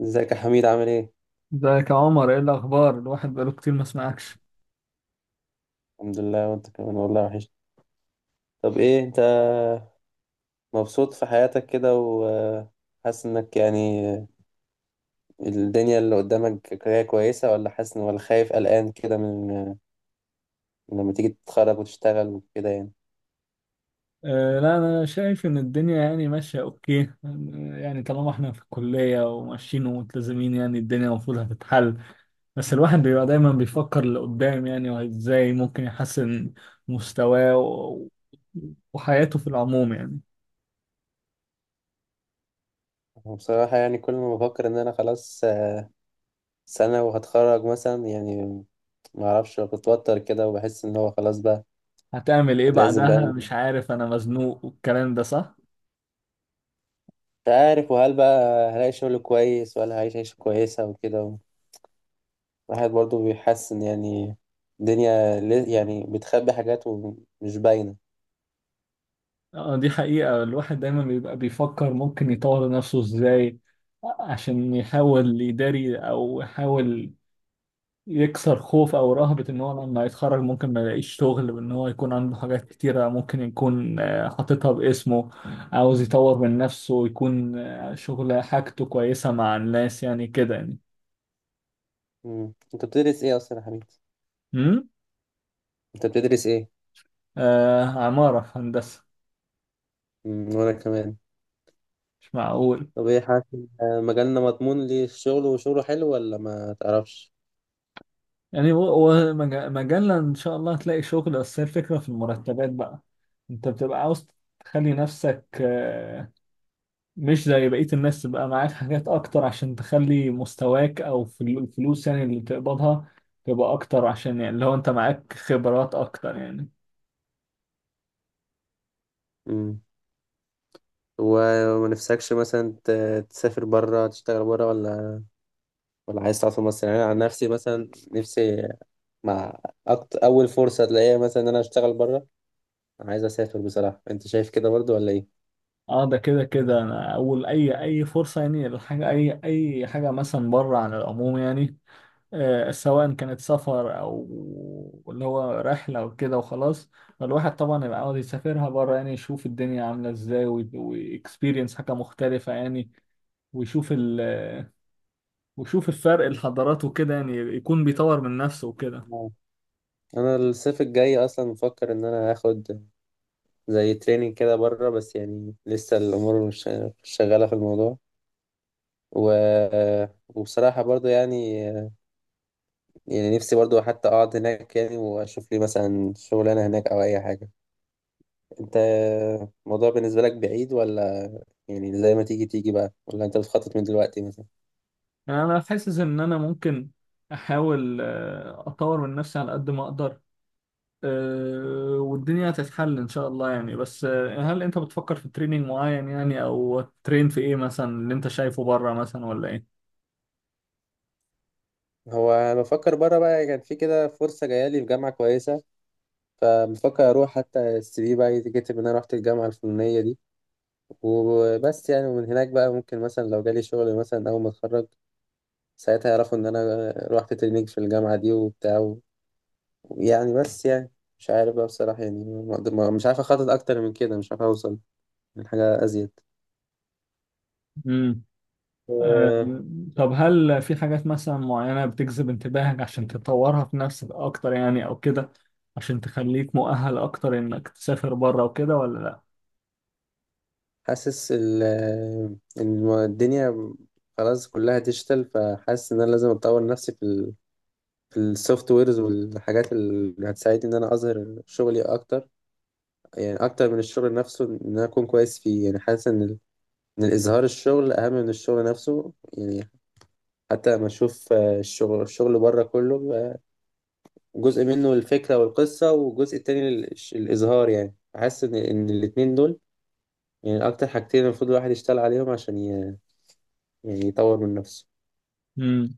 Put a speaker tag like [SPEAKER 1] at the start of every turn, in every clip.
[SPEAKER 1] ازيك يا حميد، عامل ايه؟
[SPEAKER 2] ازيك يا عمر، ايه الاخبار؟ الواحد بقاله كتير ما سمعكش.
[SPEAKER 1] الحمد لله، وانت كمان؟ والله وحش. طب ايه، انت مبسوط في حياتك كده وحاسس انك يعني الدنيا اللي قدامك هي كويسة، ولا حاسس ولا خايف قلقان كده من لما تيجي تتخرج وتشتغل وكده يعني؟
[SPEAKER 2] أه لا، انا شايف ان الدنيا يعني ماشيه اوكي، يعني طالما احنا في الكليه وماشيين وملتزمين يعني الدنيا المفروض هتتحل. بس الواحد بيبقى دايما بيفكر لقدام يعني، وازاي ممكن يحسن مستواه وحياته في العموم يعني.
[SPEAKER 1] بصراحة يعني كل ما بفكر ان انا خلاص سنة وهتخرج مثلا يعني، ما اعرفش، بتوتر كده وبحس ان هو خلاص بقى
[SPEAKER 2] هتعمل ايه
[SPEAKER 1] لازم بقى،
[SPEAKER 2] بعدها؟
[SPEAKER 1] مش
[SPEAKER 2] مش عارف، انا مزنوق، والكلام ده صح.
[SPEAKER 1] عارف، وهل بقى هلاقي شغل كويس ولا هعيش عيشة كويسة وكده. الواحد برضه بيحس إن يعني الدنيا يعني بتخبي حاجات ومش باينة.
[SPEAKER 2] اه دي حقيقة، الواحد دايما بيبقى بيفكر ممكن يطور نفسه ازاي عشان يحاول يداري او يحاول يكسر خوف او رهبة ان هو لما يتخرج ممكن ما يلاقيش شغل، وان هو يكون عنده حاجات كتيرة ممكن يكون حاططها باسمه. عاوز يطور من نفسه ويكون شغله حاجته كويسة مع الناس يعني كده يعني.
[SPEAKER 1] مم. أنت بتدرس إيه أصلا يا حبيبي؟
[SPEAKER 2] امم
[SPEAKER 1] أنت بتدرس إيه؟
[SPEAKER 2] آه، عمارة هندسة.
[SPEAKER 1] مم. وأنا كمان.
[SPEAKER 2] مش معقول.
[SPEAKER 1] طب إيه حاسس إن مجالنا مضمون للشغل وشغله حلو ولا ما تعرفش؟
[SPEAKER 2] يعني هو هو مجال ان شاء الله هتلاقي شغل، بس هي الفكره في المرتبات بقى. انت بتبقى عاوز تخلي نفسك مش زي بقيه الناس، تبقى معاك حاجات اكتر عشان تخلي مستواك او الفلوس يعني اللي بتقبضها تبقى اكتر، عشان يعني لو انت معاك خبرات اكتر يعني.
[SPEAKER 1] مم. وما نفسكش مثلا تسافر بره تشتغل بره، ولا عايز تقعد في مصر؟ يعني أنا عن نفسي مثلا نفسي مع أكتر، أول فرصة تلاقيها مثلا إن أنا أشتغل بره، عايز أسافر بصراحة. أنت شايف كده برضه ولا إيه؟
[SPEAKER 2] اه ده كده كده، انا اول اي فرصه يعني، الحاجه اي حاجه مثلا بره عن العموم يعني، سواء كانت سفر او اللي هو رحله وكده وخلاص. فالواحد طبعا يبقى عاوز يسافرها بره يعني، يشوف الدنيا عامله ازاي واكسبيرينس حاجه مختلفه يعني. ويشوف ال ويشوف الفرق الحضارات وكده يعني يكون بيطور من نفسه وكده.
[SPEAKER 1] انا الصيف الجاي اصلا مفكر ان انا هاخد زي تريننج كده بره، بس يعني لسه الامور مش شغاله في الموضوع و... وبصراحه برضو يعني نفسي برضو حتى اقعد هناك، يعني واشوف لي مثلا شغلانه هناك او اي حاجه. انت، الموضوع بالنسبه لك بعيد، ولا يعني زي ما تيجي تيجي بقى، ولا انت بتخطط من دلوقتي مثلا؟
[SPEAKER 2] يعني انا حاسس ان انا ممكن احاول اطور من نفسي على قد ما اقدر، والدنيا هتتحل ان شاء الله يعني، بس هل انت بتفكر في تريننج معين يعني، او ترين في ايه مثلا اللي انت شايفه بره مثلا، ولا ايه؟
[SPEAKER 1] هو أنا بفكر بره بقى، كان في كده فرصه جايه لي في جامعه كويسه، فبفكر اروح حتى السي في بقى يتكتب ان انا رحت الجامعه الفلانيه دي، وبس يعني. ومن هناك بقى ممكن مثلا لو جالي شغل مثلا أول ما أتخرج ساعتها يعرفوا إن أنا رحت تريننج في الجامعة دي وبتاع، يعني بس يعني مش عارف بقى بصراحة يعني ما أقدر- ما- مش عارف أخطط أكتر من كده، مش عارف أوصل لحاجة أزيد.
[SPEAKER 2] امم آه،
[SPEAKER 1] أه،
[SPEAKER 2] طب هل في حاجات مثلا معينة بتجذب انتباهك عشان تطورها في نفسك أكتر يعني أو كده، عشان تخليك مؤهل أكتر إنك تسافر بره وكده، ولا لأ؟
[SPEAKER 1] حاسس إن الدنيا خلاص كلها ديجيتال، فحاسس إن أنا لازم أطور نفسي في في السوفت ويرز والحاجات اللي هتساعدني إن أنا أظهر شغلي أكتر، يعني أكتر من الشغل نفسه إن أنا أكون كويس فيه. يعني حاسس إن الإظهار الشغل أهم من الشغل نفسه يعني. حتى لما أشوف الشغل بره كله بيبقى جزء منه الفكرة والقصة، والجزء التاني الإظهار، يعني أحس إن الاتنين دول يعني أكتر حاجتين المفروض الواحد يشتغل عليهم عشان يعني يطور من نفسه.
[SPEAKER 2] امم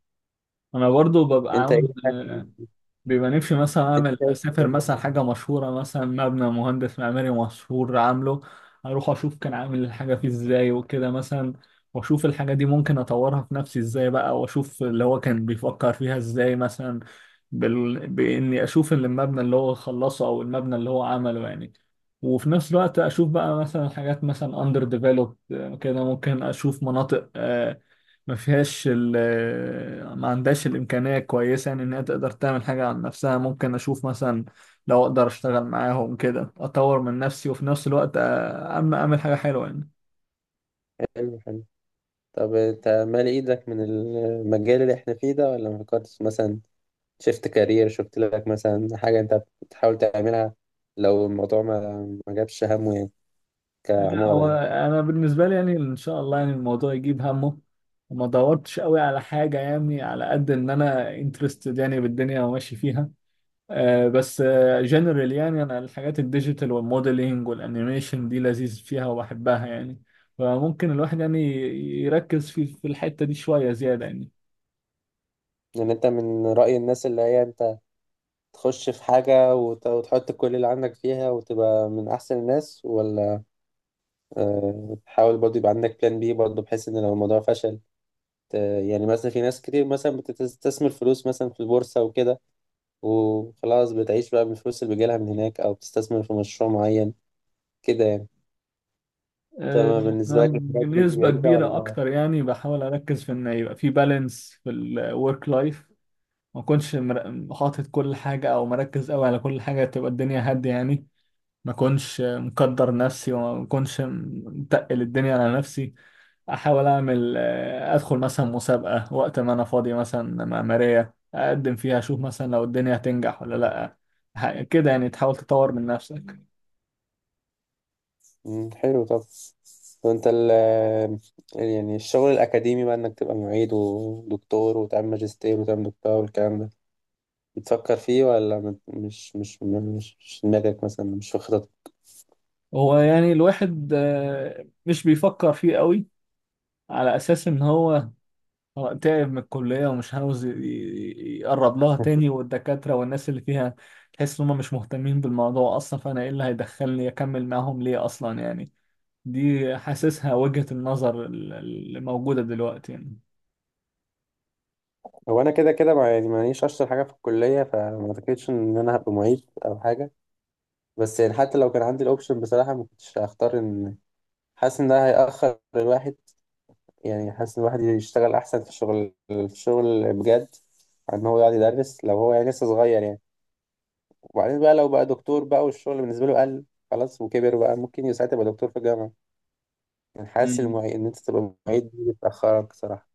[SPEAKER 2] أنا برضو ببقى
[SPEAKER 1] أنت إيه
[SPEAKER 2] عاوز،
[SPEAKER 1] حاسس.
[SPEAKER 2] بيبقى نفسي مثلا
[SPEAKER 1] أنت شايف.
[SPEAKER 2] اسافر مثلا حاجه مشهوره مثلا مبنى مهندس معماري مشهور عامله، اروح اشوف كان عامل الحاجه فيه ازاي وكده مثلا، واشوف الحاجه دي ممكن اطورها في نفسي ازاي بقى، واشوف اللي هو كان بيفكر فيها ازاي مثلا. باني اشوف اللي المبنى اللي هو خلصه او المبنى اللي هو عمله يعني. وفي نفس الوقت اشوف بقى مثلا حاجات مثلا اندر ديفلوبد كده، ممكن اشوف مناطق ما فيهاش ال ما عندهاش الإمكانية كويسة يعني إن هي تقدر تعمل حاجة عن نفسها، ممكن أشوف مثلا لو أقدر أشتغل معاهم كده أطور من نفسي، وفي نفس الوقت أما أعمل حاجة حلوة يعني.
[SPEAKER 1] حلو، حلو. طب أنت مالي إيدك من المجال اللي إحنا فيه ده ولا ما فكرتش مثلا؟ شفت كارير، شفت لك مثلا حاجة أنت بتحاول تعملها لو الموضوع ما جابش همه يعني،
[SPEAKER 2] لا
[SPEAKER 1] كعمارة
[SPEAKER 2] هو
[SPEAKER 1] يعني؟
[SPEAKER 2] أنا بالنسبة لي يعني إن شاء الله يعني الموضوع يجيب همه، وما دورتش قوي على حاجة يعني، على قد إن أنا انترستد يعني بالدنيا وماشي فيها، بس جنرال يعني انا الحاجات الديجيتال والموديلينج والانيميشن دي لذيذ فيها وبحبها يعني، فممكن الواحد يعني يركز في الحتة دي شوية زيادة يعني.
[SPEAKER 1] يعني انت من رأي الناس اللي هي انت تخش في حاجة وتحط كل اللي عندك فيها وتبقى من أحسن الناس، ولا تحاول برضه يبقى عندك بلان بي برضه بحيث ان لو الموضوع فشل ت- يعني مثلا في ناس كتير مثلا بتستثمر فلوس مثلا في البورصة وكده، وخلاص بتعيش بقى من الفلوس اللي بيجيلها من هناك، أو بتستثمر في مشروع معين كده يعني.
[SPEAKER 2] آه،
[SPEAKER 1] تمام، بالنسبة
[SPEAKER 2] أنا
[SPEAKER 1] لك الحاجات دي
[SPEAKER 2] بنسبة
[SPEAKER 1] بعيدة
[SPEAKER 2] كبيرة
[SPEAKER 1] ولا؟
[SPEAKER 2] أكتر يعني بحاول أركز في إن يبقى في بالانس في الورك لايف، ما أكونش حاطط كل حاجة أو مركز أوي على كل حاجة، تبقى الدنيا هادية يعني. ما أكونش مقدر نفسي وما أكونش متقل الدنيا على نفسي. احاول اعمل ادخل مثلا مسابقة وقت ما انا فاضي مثلا معمارية اقدم فيها، اشوف مثلا لو الدنيا هتنجح ولا لا. كده يعني تحاول تطور من نفسك.
[SPEAKER 1] مم، حلو. طب وانت يعني الشغل الأكاديمي بقى إنك تبقى معيد ودكتور وتعمل ماجستير وتعمل دكتوراه والكلام ده، بتفكر فيه ولا مش في دماغك مثلا، مش في خططك؟
[SPEAKER 2] هو يعني الواحد مش بيفكر فيه قوي، على اساس ان هو تعب من الكلية ومش عاوز يقرب لها تاني، والدكاترة والناس اللي فيها تحس ان هم مش مهتمين بالموضوع اصلا، فانا ايه اللي هيدخلني اكمل معاهم ليه اصلا يعني. دي حاسسها وجهة النظر اللي موجودة دلوقتي يعني.
[SPEAKER 1] هو أنا كده كده مع، يعني مانيش أشطر حاجة في الكلية، فما أعتقدش إن أنا هبقى معيد أو حاجة. بس يعني حتى لو كان عندي الأوبشن بصراحة ما كنتش هختار إن، حاسس إن ده هيأخر الواحد. يعني حاسس إن الواحد يشتغل أحسن في الشغل بجد، عن إن هو يقعد يدرس لو هو يعني لسه صغير يعني. وبعدين بقى لو بقى دكتور بقى والشغل بالنسبة له قل خلاص وكبر، بقى ممكن ساعتها يبقى دكتور في الجامعة. يعني حاسس
[SPEAKER 2] مم.
[SPEAKER 1] المعيد إن أنت تبقى معيد دي بتأخرك صراحة.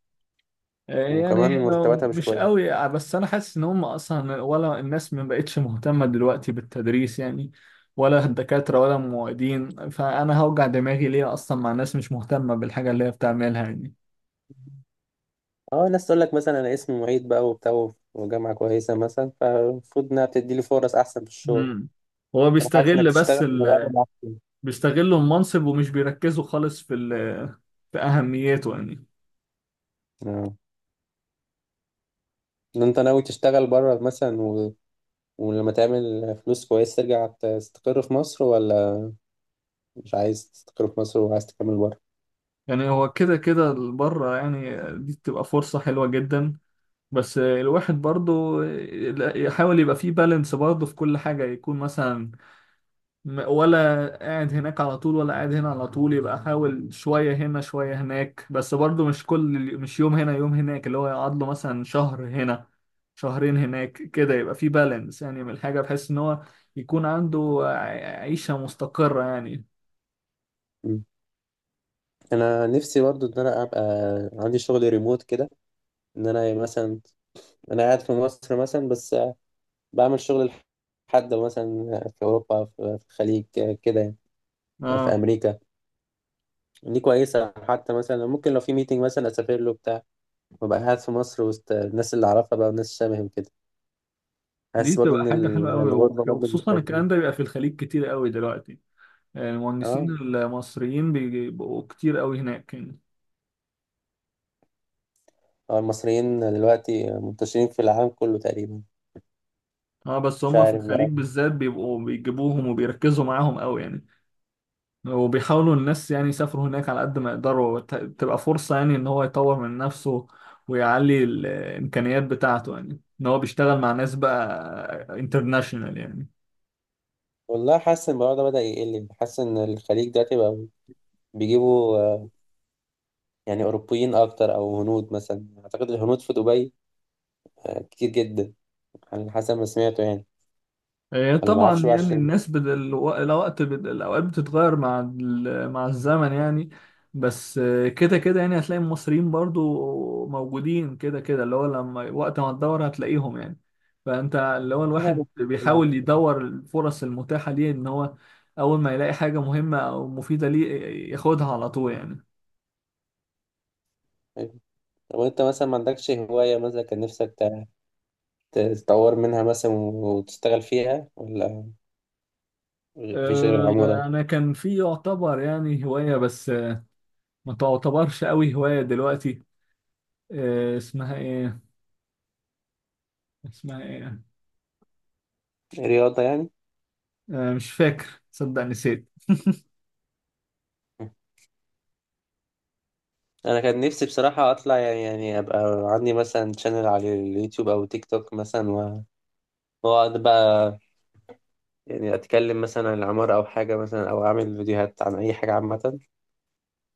[SPEAKER 2] يعني هي
[SPEAKER 1] وكمان مرتباتها مش
[SPEAKER 2] مش
[SPEAKER 1] كويسة.
[SPEAKER 2] قوي، بس انا حاسس ان هم اصلا، ولا الناس ما بقتش مهتمه دلوقتي بالتدريس يعني، ولا الدكاتره ولا المعيدين، فانا هوجع دماغي ليه اصلا مع ناس مش مهتمه بالحاجه اللي هي بتعملها يعني.
[SPEAKER 1] اه، ناس تقول لك مثلا أنا اسمي معيد بقى وبتاع وجامعة كويسة مثلا، فالمفروض إنها بتدي لي فرص أحسن في الشغل.
[SPEAKER 2] مم. هو
[SPEAKER 1] أنا حاسس إنك
[SPEAKER 2] بيستغل
[SPEAKER 1] تشتغل
[SPEAKER 2] بس
[SPEAKER 1] من الأول أحسن.
[SPEAKER 2] بيستغلوا المنصب، ومش بيركزوا خالص في اهميته يعني.
[SPEAKER 1] اه. إن أنت ناوي تشتغل بره مثلا ولما تعمل فلوس كويس ترجع تستقر في مصر، ولا مش عايز تستقر في مصر وعايز تكمل بره؟
[SPEAKER 2] يعني هو كده كده بره يعني دي بتبقى فرصه حلوه جدا، بس الواحد برضو يحاول يبقى فيه بالانس برضو في كل حاجة، يكون مثلا ولا قاعد هناك على طول ولا قاعد هنا على طول، يبقى حاول شوية هنا شوية هناك، بس برضو مش كل مش يوم هنا يوم هناك، اللي هو يقعد له مثلا شهر هنا شهرين هناك، كده يبقى فيه بالانس يعني من الحاجة، بحيث ان هو يكون عنده عيشة مستقرة يعني.
[SPEAKER 1] انا نفسي برضو ان انا ابقى عندي شغل ريموت كده، ان انا مثلا انا قاعد في مصر مثلا بس بعمل شغل لحد مثلا في اوروبا، في الخليج كده يعني في
[SPEAKER 2] اه
[SPEAKER 1] امريكا. دي كويسه، حتى مثلا ممكن لو في ميتنج مثلا اسافر له بتاع، وابقى قاعد في مصر وسط الناس اللي اعرفها بقى وناس شبهي وكده.
[SPEAKER 2] دي
[SPEAKER 1] حاسس برضو
[SPEAKER 2] تبقى
[SPEAKER 1] ان
[SPEAKER 2] حاجة حلوة قوي،
[SPEAKER 1] الغربه برضو
[SPEAKER 2] وخصوصا
[SPEAKER 1] بتفيد.
[SPEAKER 2] الكلام ده بيبقى في الخليج كتير قوي دلوقتي، المهندسين
[SPEAKER 1] اه.
[SPEAKER 2] المصريين بيبقوا كتير قوي هناك يعني.
[SPEAKER 1] المصريين دلوقتي منتشرين في العالم كله تقريبا.
[SPEAKER 2] اه بس
[SPEAKER 1] مش
[SPEAKER 2] هم في
[SPEAKER 1] عارف بقى،
[SPEAKER 2] الخليج بالذات بيبقوا بيجيبوهم وبيركزوا معاهم قوي يعني. وبيحاولوا الناس يعني يسافروا هناك على قد ما يقدروا، تبقى فرصة يعني ان هو يطور من نفسه، ويعلي الامكانيات بتاعته يعني ان هو بيشتغل مع ناس بقى انترناشونال يعني.
[SPEAKER 1] والله حاسس ان الموضوع ده بدأ يقل. حاسس ان الخليج دلوقتي بقى بيجيبوا يعني أوروبيين أكتر، أو هنود مثلا، أعتقد الهنود في دبي كتير جدا، على حسب ما سمعته يعني.
[SPEAKER 2] هي
[SPEAKER 1] ولا ما أعرفش
[SPEAKER 2] طبعا
[SPEAKER 1] بقى
[SPEAKER 2] يعني
[SPEAKER 1] عشان
[SPEAKER 2] الناس بدل الوقت بدل الأوقات بتتغير مع مع الزمن يعني. بس كده كده يعني هتلاقي المصريين برضو موجودين كده كده، اللي هو لما وقت ما تدور هتلاقيهم يعني. فأنت اللي هو
[SPEAKER 1] كده
[SPEAKER 2] الواحد بيحاول يدور الفرص المتاحة ليه، إن هو أول ما يلاقي حاجة مهمة أو مفيدة ليه ياخدها على طول يعني.
[SPEAKER 1] طب وأنت مثلا ما عندكش هواية مثلا كان نفسك تتطور منها مثلا، وتشتغل فيها ولا مفيش غير
[SPEAKER 2] آه،
[SPEAKER 1] العمارة؟
[SPEAKER 2] أنا كان في يعتبر يعني هواية، بس ما تعتبرش قوي هواية دلوقتي. اسمها إيه؟ اسمها إيه؟
[SPEAKER 1] رياضة يعني؟
[SPEAKER 2] مش فاكر، صدق نسيت.
[SPEAKER 1] أنا كان نفسي بصراحة أطلع يعني أبقى عندي مثلا شانل على اليوتيوب أو تيك توك مثلا وأقعد بقى يعني أتكلم مثلا عن العمارة أو حاجة مثلا، أو أعمل فيديوهات عن أي حاجة عامة،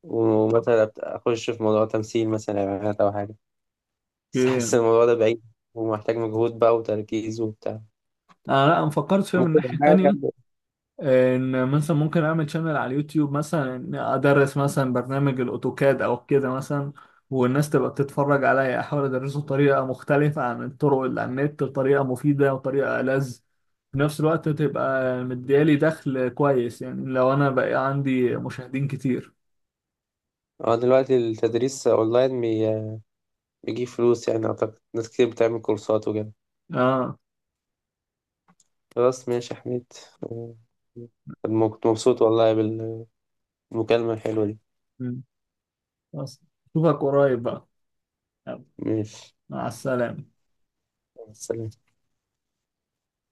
[SPEAKER 1] ومثلا اخش في موضوع تمثيل مثلا اعلانات او حاجه. بس
[SPEAKER 2] اوكي.
[SPEAKER 1] حاسس الموضوع ده بعيد ومحتاج مجهود بقى وتركيز وبتاع،
[SPEAKER 2] انا لا، انا فكرت فيها من
[SPEAKER 1] ممكن يبقى
[SPEAKER 2] ناحية
[SPEAKER 1] حاجة
[SPEAKER 2] تانية، ان مثلا ممكن اعمل شانل على اليوتيوب مثلا، إني ادرس مثلا برنامج الاوتوكاد او كده مثلا، والناس تبقى بتتفرج عليا، احاول ادرسه بطريقة مختلفة عن الطرق اللي على النت، بطريقة مفيدة وطريقة ألذ في نفس الوقت، تبقى مديالي دخل كويس يعني لو انا بقى عندي مشاهدين كتير.
[SPEAKER 1] اه. دلوقتي التدريس اونلاين بيجيب فلوس، يعني اعتقد ناس كتير بتعمل كورسات وكده.
[SPEAKER 2] اه.
[SPEAKER 1] خلاص ماشي يا حميد. آه، كنت مبسوط والله بالمكالمة الحلوة دي.
[SPEAKER 2] مم. خلاص، اشوفك قريب بقى، يلا،
[SPEAKER 1] ماشي،
[SPEAKER 2] مع السلامة.
[SPEAKER 1] سلام.